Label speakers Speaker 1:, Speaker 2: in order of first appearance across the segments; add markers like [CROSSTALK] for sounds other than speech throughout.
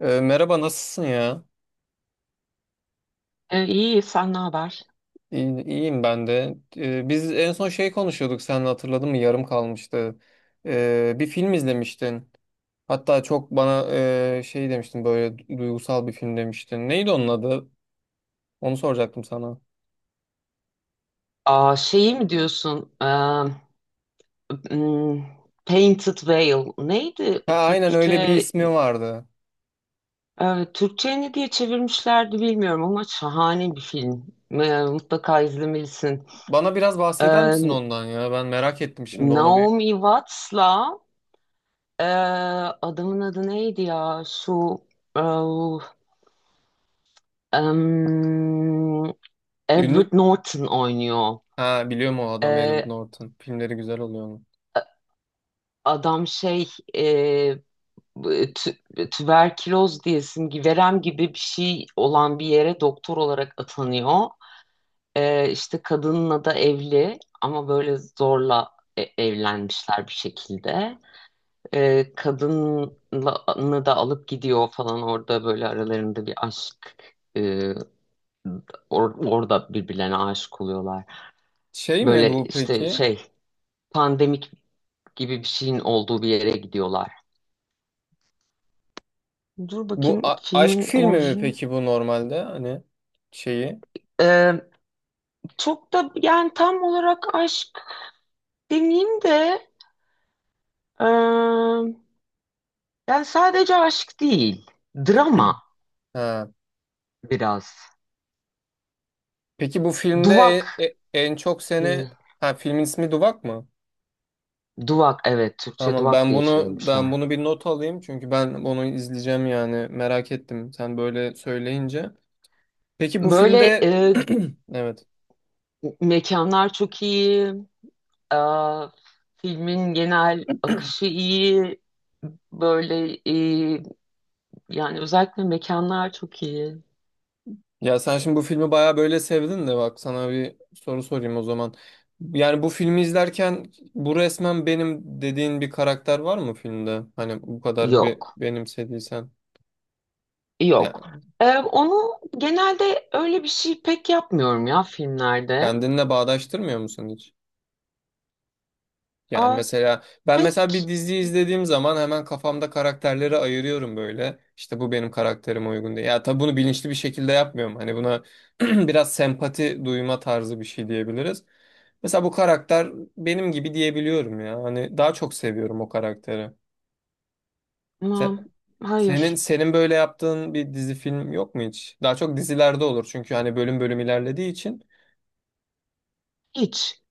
Speaker 1: Merhaba nasılsın ya?
Speaker 2: İyi, sen ne haber?
Speaker 1: İyi, iyiyim ben de. Biz en son şey konuşuyorduk, sen hatırladın mı? Yarım kalmıştı. Bir film izlemiştin. Hatta çok bana şey demiştin, böyle duygusal bir film demiştin. Neydi onun adı? Onu soracaktım sana.
Speaker 2: Aa, şeyi mi diyorsun? M, Painted Veil. Neydi
Speaker 1: Ha, aynen öyle bir
Speaker 2: Türkçe?
Speaker 1: ismi vardı.
Speaker 2: Türkçe'ye ne diye çevirmişlerdi bilmiyorum ama şahane bir film. Mutlaka izlemelisin.
Speaker 1: Bana biraz bahseder
Speaker 2: Ee,
Speaker 1: misin ondan ya? Ben merak ettim şimdi onu bir.
Speaker 2: Naomi Watts'la ee, adamın adı neydi ya? Ee, em,
Speaker 1: Ünlü...
Speaker 2: Edward Norton oynuyor.
Speaker 1: Ha, biliyorum o adamı, Edward
Speaker 2: Ee,
Speaker 1: Norton. Filmleri güzel oluyor onun.
Speaker 2: Adam e, tüberküloz diyesin gibi verem gibi bir şey olan bir yere doktor olarak atanıyor. İşte kadınla da evli ama böyle zorla evlenmişler bir şekilde. Kadını da alıp gidiyor falan, orada böyle aralarında bir aşk, e, orada birbirlerine aşık oluyorlar.
Speaker 1: Şey mi
Speaker 2: Böyle
Speaker 1: bu
Speaker 2: işte
Speaker 1: peki?
Speaker 2: şey pandemik gibi bir şeyin olduğu bir yere gidiyorlar. Dur
Speaker 1: Bu
Speaker 2: bakayım
Speaker 1: aşk
Speaker 2: filmin
Speaker 1: filmi mi
Speaker 2: orijin.
Speaker 1: peki, bu normalde hani şeyi?
Speaker 2: Çok da yani tam olarak aşk demeyeyim de, eee, yani sadece aşk değil. Drama
Speaker 1: Ha.
Speaker 2: biraz.
Speaker 1: Peki bu filmde
Speaker 2: Duvak.
Speaker 1: en çok seni,
Speaker 2: Hmm,
Speaker 1: ha filmin ismi Duvak mı?
Speaker 2: Duvak, evet, Türkçe
Speaker 1: Tamam,
Speaker 2: duvak
Speaker 1: ben
Speaker 2: diye
Speaker 1: bunu ben
Speaker 2: çevirmişler.
Speaker 1: bunu bir not alayım, çünkü ben bunu izleyeceğim, yani merak ettim sen böyle söyleyince. Peki bu
Speaker 2: Böyle
Speaker 1: filmde [CLEARS THROAT] evet.
Speaker 2: Mekanlar çok iyi. eee, Filmin genel akışı iyi. Böyle Yani özellikle mekanlar çok iyi.
Speaker 1: Ya sen şimdi bu filmi bayağı böyle sevdin de, bak sana bir soru sorayım o zaman. Yani bu filmi izlerken bu resmen benim dediğin bir karakter var mı filmde? Hani bu kadar
Speaker 2: Yok.
Speaker 1: benimsediysen. Ya,
Speaker 2: Yok. Onu genelde öyle bir şey pek yapmıyorum ya filmlerde.
Speaker 1: kendinle bağdaştırmıyor musun hiç? Yani
Speaker 2: Aa,
Speaker 1: mesela ben
Speaker 2: pek
Speaker 1: mesela bir dizi izlediğim zaman hemen kafamda karakterleri ayırıyorum böyle. İşte bu benim karakterime uygun diye. Ya tabii bunu bilinçli bir şekilde yapmıyorum. Hani buna [CLEARS THROAT] biraz sempati duyma tarzı bir şey diyebiliriz. Mesela bu karakter benim gibi diyebiliyorum ya. Hani daha çok seviyorum o karakteri. Se-
Speaker 2: ama
Speaker 1: senin
Speaker 2: hayır.
Speaker 1: senin böyle yaptığın bir dizi film yok mu hiç? Daha çok dizilerde olur, çünkü hani bölüm bölüm ilerlediği için.
Speaker 2: Hiç.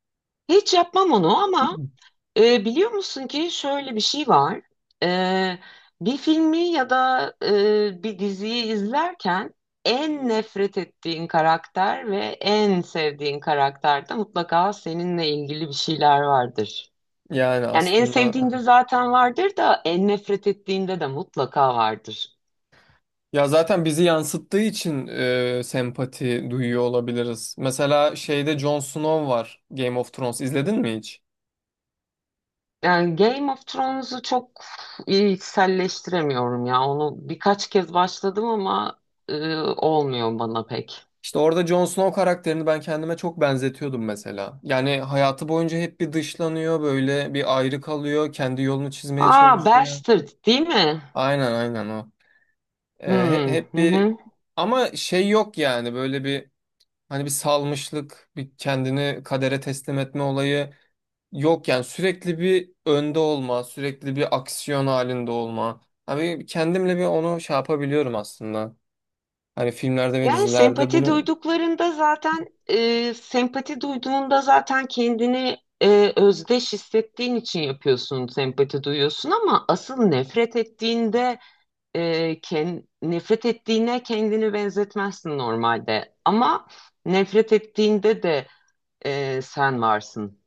Speaker 2: Hiç yapmam onu ama
Speaker 1: [CLEARS THROAT]
Speaker 2: biliyor musun ki şöyle bir şey var. Ee, Bir filmi ya da bir diziyi izlerken en nefret ettiğin karakter ve en sevdiğin karakterde mutlaka seninle ilgili bir şeyler vardır.
Speaker 1: Yani
Speaker 2: Yani en
Speaker 1: aslında,
Speaker 2: sevdiğinde zaten vardır da en nefret ettiğinde de mutlaka vardır.
Speaker 1: ya zaten bizi yansıttığı için sempati duyuyor olabiliriz. Mesela şeyde Jon Snow var, Game of Thrones izledin mi hiç?
Speaker 2: Yani Game of Thrones'u çok içselleştiremiyorum ya. Onu birkaç kez başladım ama olmuyor bana pek.
Speaker 1: İşte orada Jon Snow karakterini ben kendime çok benzetiyordum mesela. Yani hayatı boyunca hep bir dışlanıyor, böyle bir ayrı kalıyor, kendi yolunu çizmeye
Speaker 2: Aa,
Speaker 1: çalışıyor.
Speaker 2: Bastard değil mi?
Speaker 1: Aynen aynen o.
Speaker 2: Hmm,
Speaker 1: Hep
Speaker 2: hı
Speaker 1: bir,
Speaker 2: hı.
Speaker 1: ama şey yok yani, böyle bir, hani bir salmışlık, bir kendini kadere teslim etme olayı. Yok yani, sürekli bir önde olma, sürekli bir aksiyon halinde olma. Abi kendimle bir onu şey yapabiliyorum aslında. Hani filmlerde ve
Speaker 2: Yani
Speaker 1: dizilerde
Speaker 2: sempati
Speaker 1: bunu,
Speaker 2: duyduklarında zaten sempati duyduğunda zaten kendini özdeş hissettiğin için yapıyorsun, sempati duyuyorsun, ama asıl nefret ettiğinde nefret ettiğine kendini benzetmezsin normalde. Ama nefret ettiğinde de sen varsın.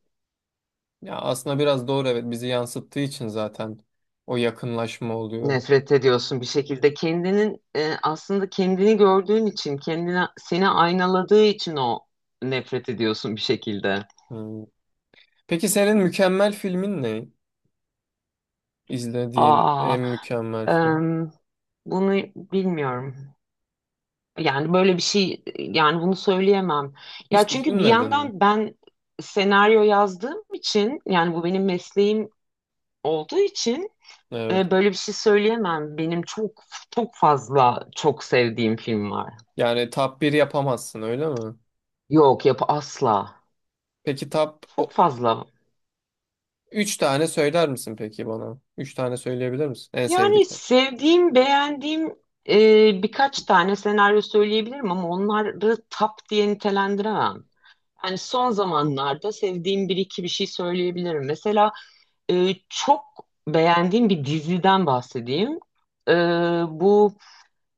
Speaker 1: ya aslında biraz doğru, evet, bizi yansıttığı için zaten o yakınlaşma oluyor.
Speaker 2: Nefret ediyorsun bir şekilde. Kendinin aslında kendini gördüğün için, kendine seni aynaladığı için o nefret ediyorsun bir şekilde.
Speaker 1: Hmm. Peki senin mükemmel filmin ne? İzlediğin
Speaker 2: Aa,
Speaker 1: en mükemmel film.
Speaker 2: em, Bunu bilmiyorum. Yani böyle bir şey, yani bunu söyleyemem. Ya
Speaker 1: Hiç
Speaker 2: çünkü bir
Speaker 1: düşünmedin mi?
Speaker 2: yandan ben senaryo yazdığım için, yani bu benim mesleğim olduğu için
Speaker 1: Evet.
Speaker 2: böyle bir şey söyleyemem. Benim çok çok fazla çok sevdiğim film var.
Speaker 1: Yani top 1 yapamazsın öyle mi?
Speaker 2: Yok, yapı asla.
Speaker 1: Peki top
Speaker 2: Çok
Speaker 1: o,
Speaker 2: fazla.
Speaker 1: üç tane söyler misin peki bana? Üç tane söyleyebilir misin? En
Speaker 2: Yani
Speaker 1: sevdiklerin.
Speaker 2: sevdiğim, beğendiğim, e, birkaç tane senaryo söyleyebilirim ama onları top diye nitelendiremem. Yani son zamanlarda sevdiğim bir iki bir şey söyleyebilirim. Mesela çok beğendiğim bir diziden bahsedeyim. E, Bu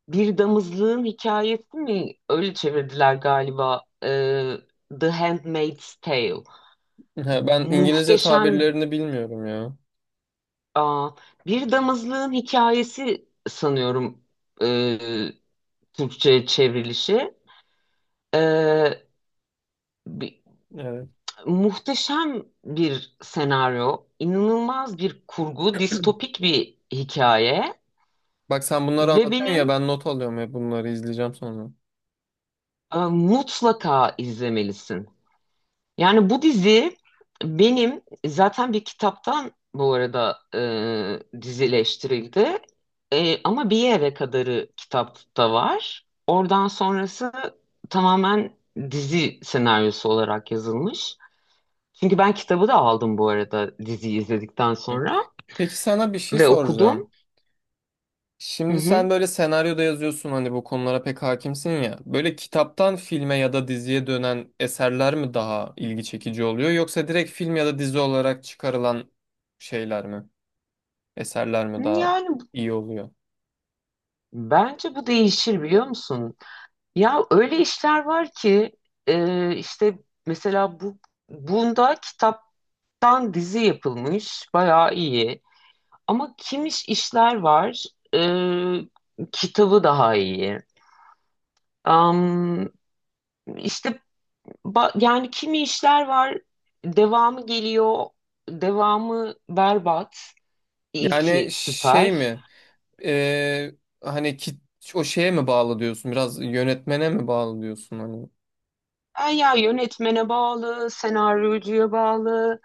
Speaker 2: Bir damızlığın hikayesi mi? Öyle çevirdiler galiba. The Handmaid's Tale.
Speaker 1: He, ben İngilizce
Speaker 2: Muhteşem.
Speaker 1: tabirlerini bilmiyorum ya.
Speaker 2: Aa, bir damızlığın hikayesi sanıyorum ee, Türkçe'ye çevrilişi. Ee, bi-
Speaker 1: Evet.
Speaker 2: Muhteşem bir senaryo, inanılmaz bir kurgu, distopik bir hikaye
Speaker 1: Bak sen bunları
Speaker 2: ve
Speaker 1: anlatıyorsun ya,
Speaker 2: benim,
Speaker 1: ben not alıyorum ya, bunları izleyeceğim sonra.
Speaker 2: mutlaka izlemelisin. Yani bu dizi benim zaten bir kitaptan, bu arada, dizileştirildi. E, ama bir yere kadarı kitapta var. Oradan sonrası tamamen dizi senaryosu olarak yazılmış. Çünkü ben kitabı da aldım bu arada diziyi izledikten
Speaker 1: Hı.
Speaker 2: sonra
Speaker 1: Peki sana bir şey
Speaker 2: ve okudum.
Speaker 1: soracağım.
Speaker 2: Hı
Speaker 1: Şimdi sen
Speaker 2: hı.
Speaker 1: böyle senaryoda yazıyorsun, hani bu konulara pek hakimsin ya. Böyle kitaptan filme ya da diziye dönen eserler mi daha ilgi çekici oluyor, yoksa direkt film ya da dizi olarak çıkarılan şeyler mi? Eserler mi daha
Speaker 2: Yani
Speaker 1: iyi oluyor?
Speaker 2: bence bu değişir, biliyor musun? Ya öyle işler var ki işte mesela bunda kitap Dan dizi yapılmış, bayağı iyi. Ama Kimiş işler var, kitabı daha iyi. Am, işte yani kimi işler var. Devamı geliyor. Devamı berbat,
Speaker 1: Yani
Speaker 2: ilki
Speaker 1: şey
Speaker 2: süper.
Speaker 1: mi? Ee, Hani ki, o şeye mi bağlı diyorsun? Biraz yönetmene mi bağlı diyorsun hani?
Speaker 2: Ha, ya yönetmene bağlı, senaryocuya bağlı,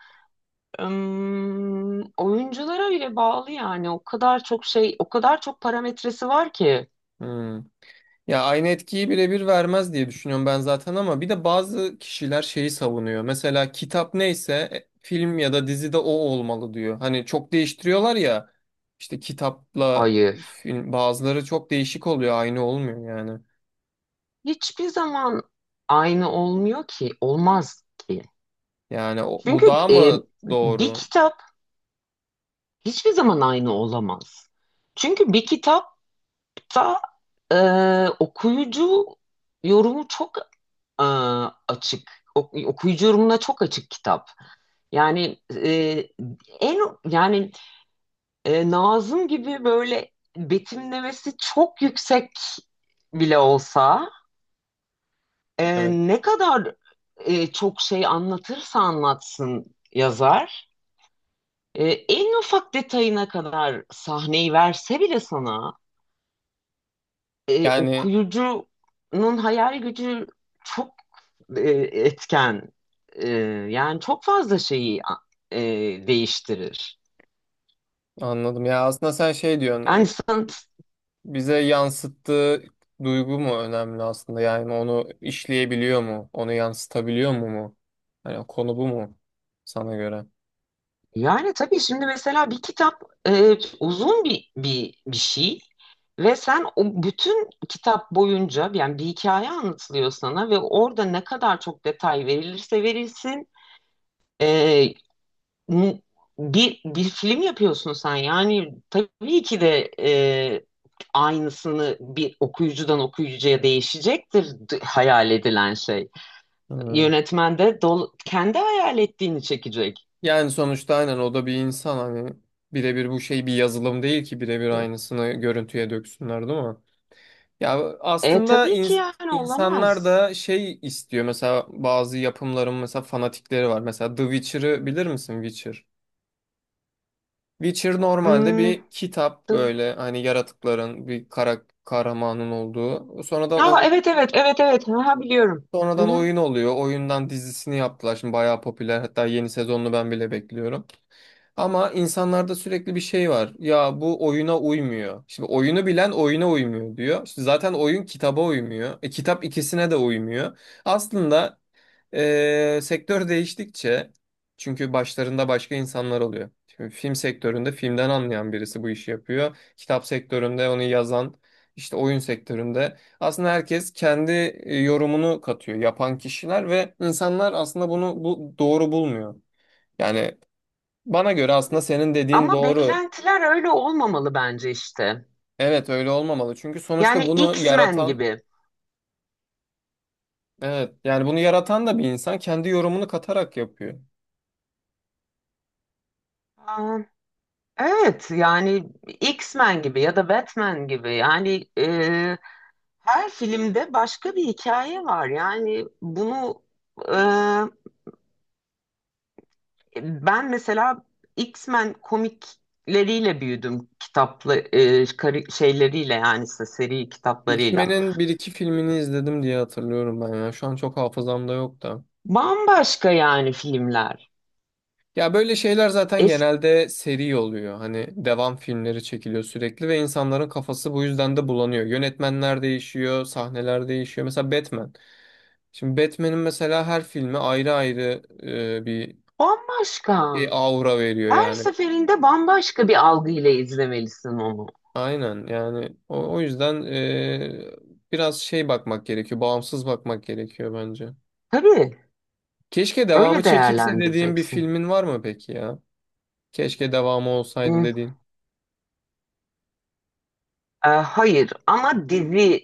Speaker 2: oyunculara bile bağlı yani. O kadar çok şey, o kadar çok parametresi var ki.
Speaker 1: Hmm. Ya aynı etkiyi birebir vermez diye düşünüyorum ben zaten, ama bir de bazı kişiler şeyi savunuyor. Mesela kitap neyse film ya da dizide o olmalı diyor. Hani çok değiştiriyorlar ya, işte kitapla
Speaker 2: Hayır.
Speaker 1: film bazıları çok değişik oluyor, aynı olmuyor yani.
Speaker 2: Hiçbir zaman aynı olmuyor ki, olmaz ki.
Speaker 1: Yani o- bu
Speaker 2: Çünkü
Speaker 1: daha mı
Speaker 2: bir
Speaker 1: doğru?
Speaker 2: kitap hiçbir zaman aynı olamaz. Çünkü bir kitapta e, okuyucu yorumu çok e, açık. Okuyucu yorumuna çok açık kitap. Yani e, en yani e, Nazım gibi böyle betimlemesi çok yüksek bile olsa,
Speaker 1: Evet.
Speaker 2: ne kadar çok şey anlatırsa anlatsın yazar, en ufak detayına kadar sahneyi verse bile sana,
Speaker 1: Yani
Speaker 2: okuyucunun hayal gücü çok e, etken. E, Yani çok fazla şeyi e, değiştirir.
Speaker 1: anladım ya, aslında sen şey
Speaker 2: Yani
Speaker 1: diyorsun,
Speaker 2: sanat.
Speaker 1: bize yansıttığı duygu mu önemli aslında? Yani onu işleyebiliyor mu? Onu yansıtabiliyor mu? Hani konu bu mu sana göre?
Speaker 2: Yani tabii şimdi mesela bir kitap, uzun bir, bir şey, ve sen o bütün kitap boyunca, yani bir hikaye anlatılıyor sana ve orada ne kadar çok detay verilirse verilsin, e, n- bir film yapıyorsun sen, yani tabii ki de aynısını, bir okuyucudan okuyucuya değişecektir hayal edilen şey.
Speaker 1: Hmm.
Speaker 2: Yönetmen de kendi hayal ettiğini çekecek.
Speaker 1: Yani sonuçta aynen o da bir insan, hani birebir bu şey bir yazılım değil ki birebir aynısını görüntüye döksünler, değil mi? Ya
Speaker 2: E
Speaker 1: aslında
Speaker 2: tabii ki yani
Speaker 1: insanlar
Speaker 2: olamaz.
Speaker 1: da şey istiyor, mesela bazı yapımların mesela fanatikleri var. Mesela The Witcher'ı bilir misin, Witcher? Witcher normalde
Speaker 2: Hmm,
Speaker 1: bir kitap,
Speaker 2: dı-
Speaker 1: böyle hani yaratıkların, bir kara, kahramanın olduğu.
Speaker 2: Ya evet, evet, evet, evet, ha, biliyorum. Hı
Speaker 1: Sonradan
Speaker 2: hı.
Speaker 1: oyun oluyor. Oyundan dizisini yaptılar. Şimdi bayağı popüler. Hatta yeni sezonunu ben bile bekliyorum. Ama insanlarda sürekli bir şey var. Ya bu oyuna uymuyor. Şimdi oyunu bilen oyuna uymuyor diyor. İşte zaten oyun kitaba uymuyor. E, kitap ikisine de uymuyor. Aslında sektör değiştikçe, çünkü başlarında başka insanlar oluyor. Şimdi film sektöründe filmden anlayan birisi bu işi yapıyor. Kitap sektöründe onu yazan, işte oyun sektöründe. Aslında herkes kendi yorumunu katıyor yapan kişiler, ve insanlar aslında bunu, bu doğru bulmuyor. Yani bana göre aslında senin dediğin
Speaker 2: Ama
Speaker 1: doğru.
Speaker 2: beklentiler öyle olmamalı bence işte.
Speaker 1: Evet, öyle olmamalı. Çünkü sonuçta
Speaker 2: Yani
Speaker 1: bunu
Speaker 2: X-Men
Speaker 1: yaratan,
Speaker 2: gibi.
Speaker 1: evet yani bunu yaratan da bir insan, kendi yorumunu katarak yapıyor.
Speaker 2: Aa, evet, yani X-Men gibi ya da Batman gibi. Yani her filmde başka bir hikaye var. Yani bunu, e, ben mesela X-Men komikleriyle büyüdüm, kitaplı şeyleriyle, yani işte seri kitaplarıyla.
Speaker 1: X-Men'in bir iki filmini izledim diye hatırlıyorum ben ya. Şu an çok hafızamda yok da.
Speaker 2: Bambaşka yani filmler.
Speaker 1: Ya böyle şeyler zaten
Speaker 2: Eski
Speaker 1: genelde seri oluyor. Hani devam filmleri çekiliyor sürekli, ve insanların kafası bu yüzden de bulanıyor. Yönetmenler değişiyor, sahneler değişiyor. Mesela Batman. Şimdi Batman'in mesela her filmi ayrı ayrı bir şey,
Speaker 2: bambaşka.
Speaker 1: aura veriyor
Speaker 2: Her
Speaker 1: yani.
Speaker 2: seferinde bambaşka bir algıyla izlemelisin onu.
Speaker 1: Aynen yani, o yüzden biraz şey bakmak gerekiyor, bağımsız bakmak gerekiyor bence.
Speaker 2: Tabii
Speaker 1: Keşke devamı
Speaker 2: öyle
Speaker 1: çekilse dediğim bir
Speaker 2: değerlendireceksin.
Speaker 1: filmin var mı peki ya? Keşke devamı olsaydı
Speaker 2: Hmm,
Speaker 1: dediğin.
Speaker 2: hayır ama dizi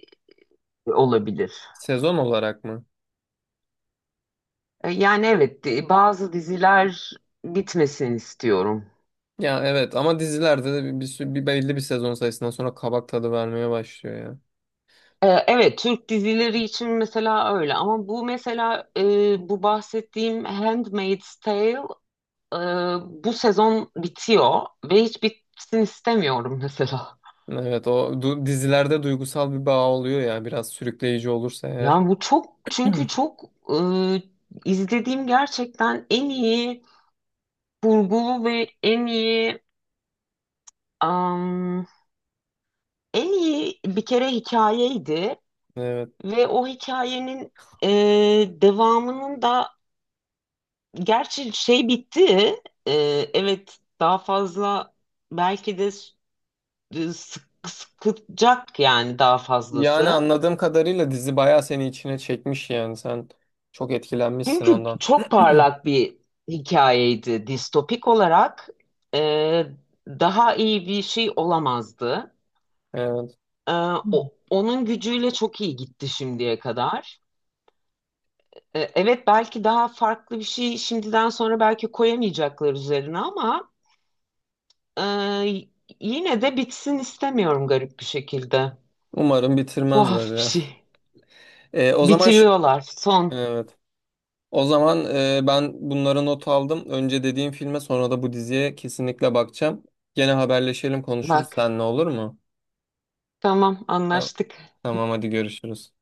Speaker 2: olabilir.
Speaker 1: Sezon olarak mı?
Speaker 2: Yani evet, bazı diziler bitmesin istiyorum.
Speaker 1: Ya evet, ama dizilerde de bir belli bir sezon sayısından sonra kabak tadı vermeye başlıyor ya.
Speaker 2: E, evet, Türk dizileri için mesela öyle ama bu mesela, bu bahsettiğim Handmaid's Tale, e, bu sezon bitiyor ve hiç bitsin istemiyorum mesela.
Speaker 1: Evet, dizilerde duygusal bir bağ oluyor ya, biraz sürükleyici olursa eğer.
Speaker 2: Yani bu çok, çünkü
Speaker 1: [CLEARS THROAT]
Speaker 2: çok, e, izlediğim gerçekten en iyi kurgulu ve en iyi, am, en iyi bir kere hikayeydi
Speaker 1: Evet.
Speaker 2: ve o hikayenin e, devamının da, gerçi şey, bitti. E, evet, daha fazla belki de sıkacak, yani daha
Speaker 1: Yani
Speaker 2: fazlası.
Speaker 1: anladığım kadarıyla dizi bayağı seni içine çekmiş, yani sen çok etkilenmişsin
Speaker 2: Çünkü
Speaker 1: ondan.
Speaker 2: çok parlak bir hikayeydi. Distopik olarak e, daha iyi bir şey olamazdı.
Speaker 1: Evet.
Speaker 2: E, Onun gücüyle çok iyi gitti şimdiye kadar. E, evet, belki daha farklı bir şey şimdiden sonra belki koyamayacaklar üzerine ama e, yine de bitsin istemiyorum, garip bir şekilde.
Speaker 1: Umarım bitirmezler
Speaker 2: Tuhaf bir
Speaker 1: ya. [LAUGHS]
Speaker 2: şey.
Speaker 1: O zaman
Speaker 2: Bitiriyorlar. Son.
Speaker 1: evet. O zaman ben bunları not aldım. Önce dediğim filme, sonra da bu diziye kesinlikle bakacağım. Gene haberleşelim, konuşuruz
Speaker 2: Bak.
Speaker 1: seninle, olur mu?
Speaker 2: Tamam,
Speaker 1: Tamam
Speaker 2: anlaştık.
Speaker 1: tamam, hadi görüşürüz.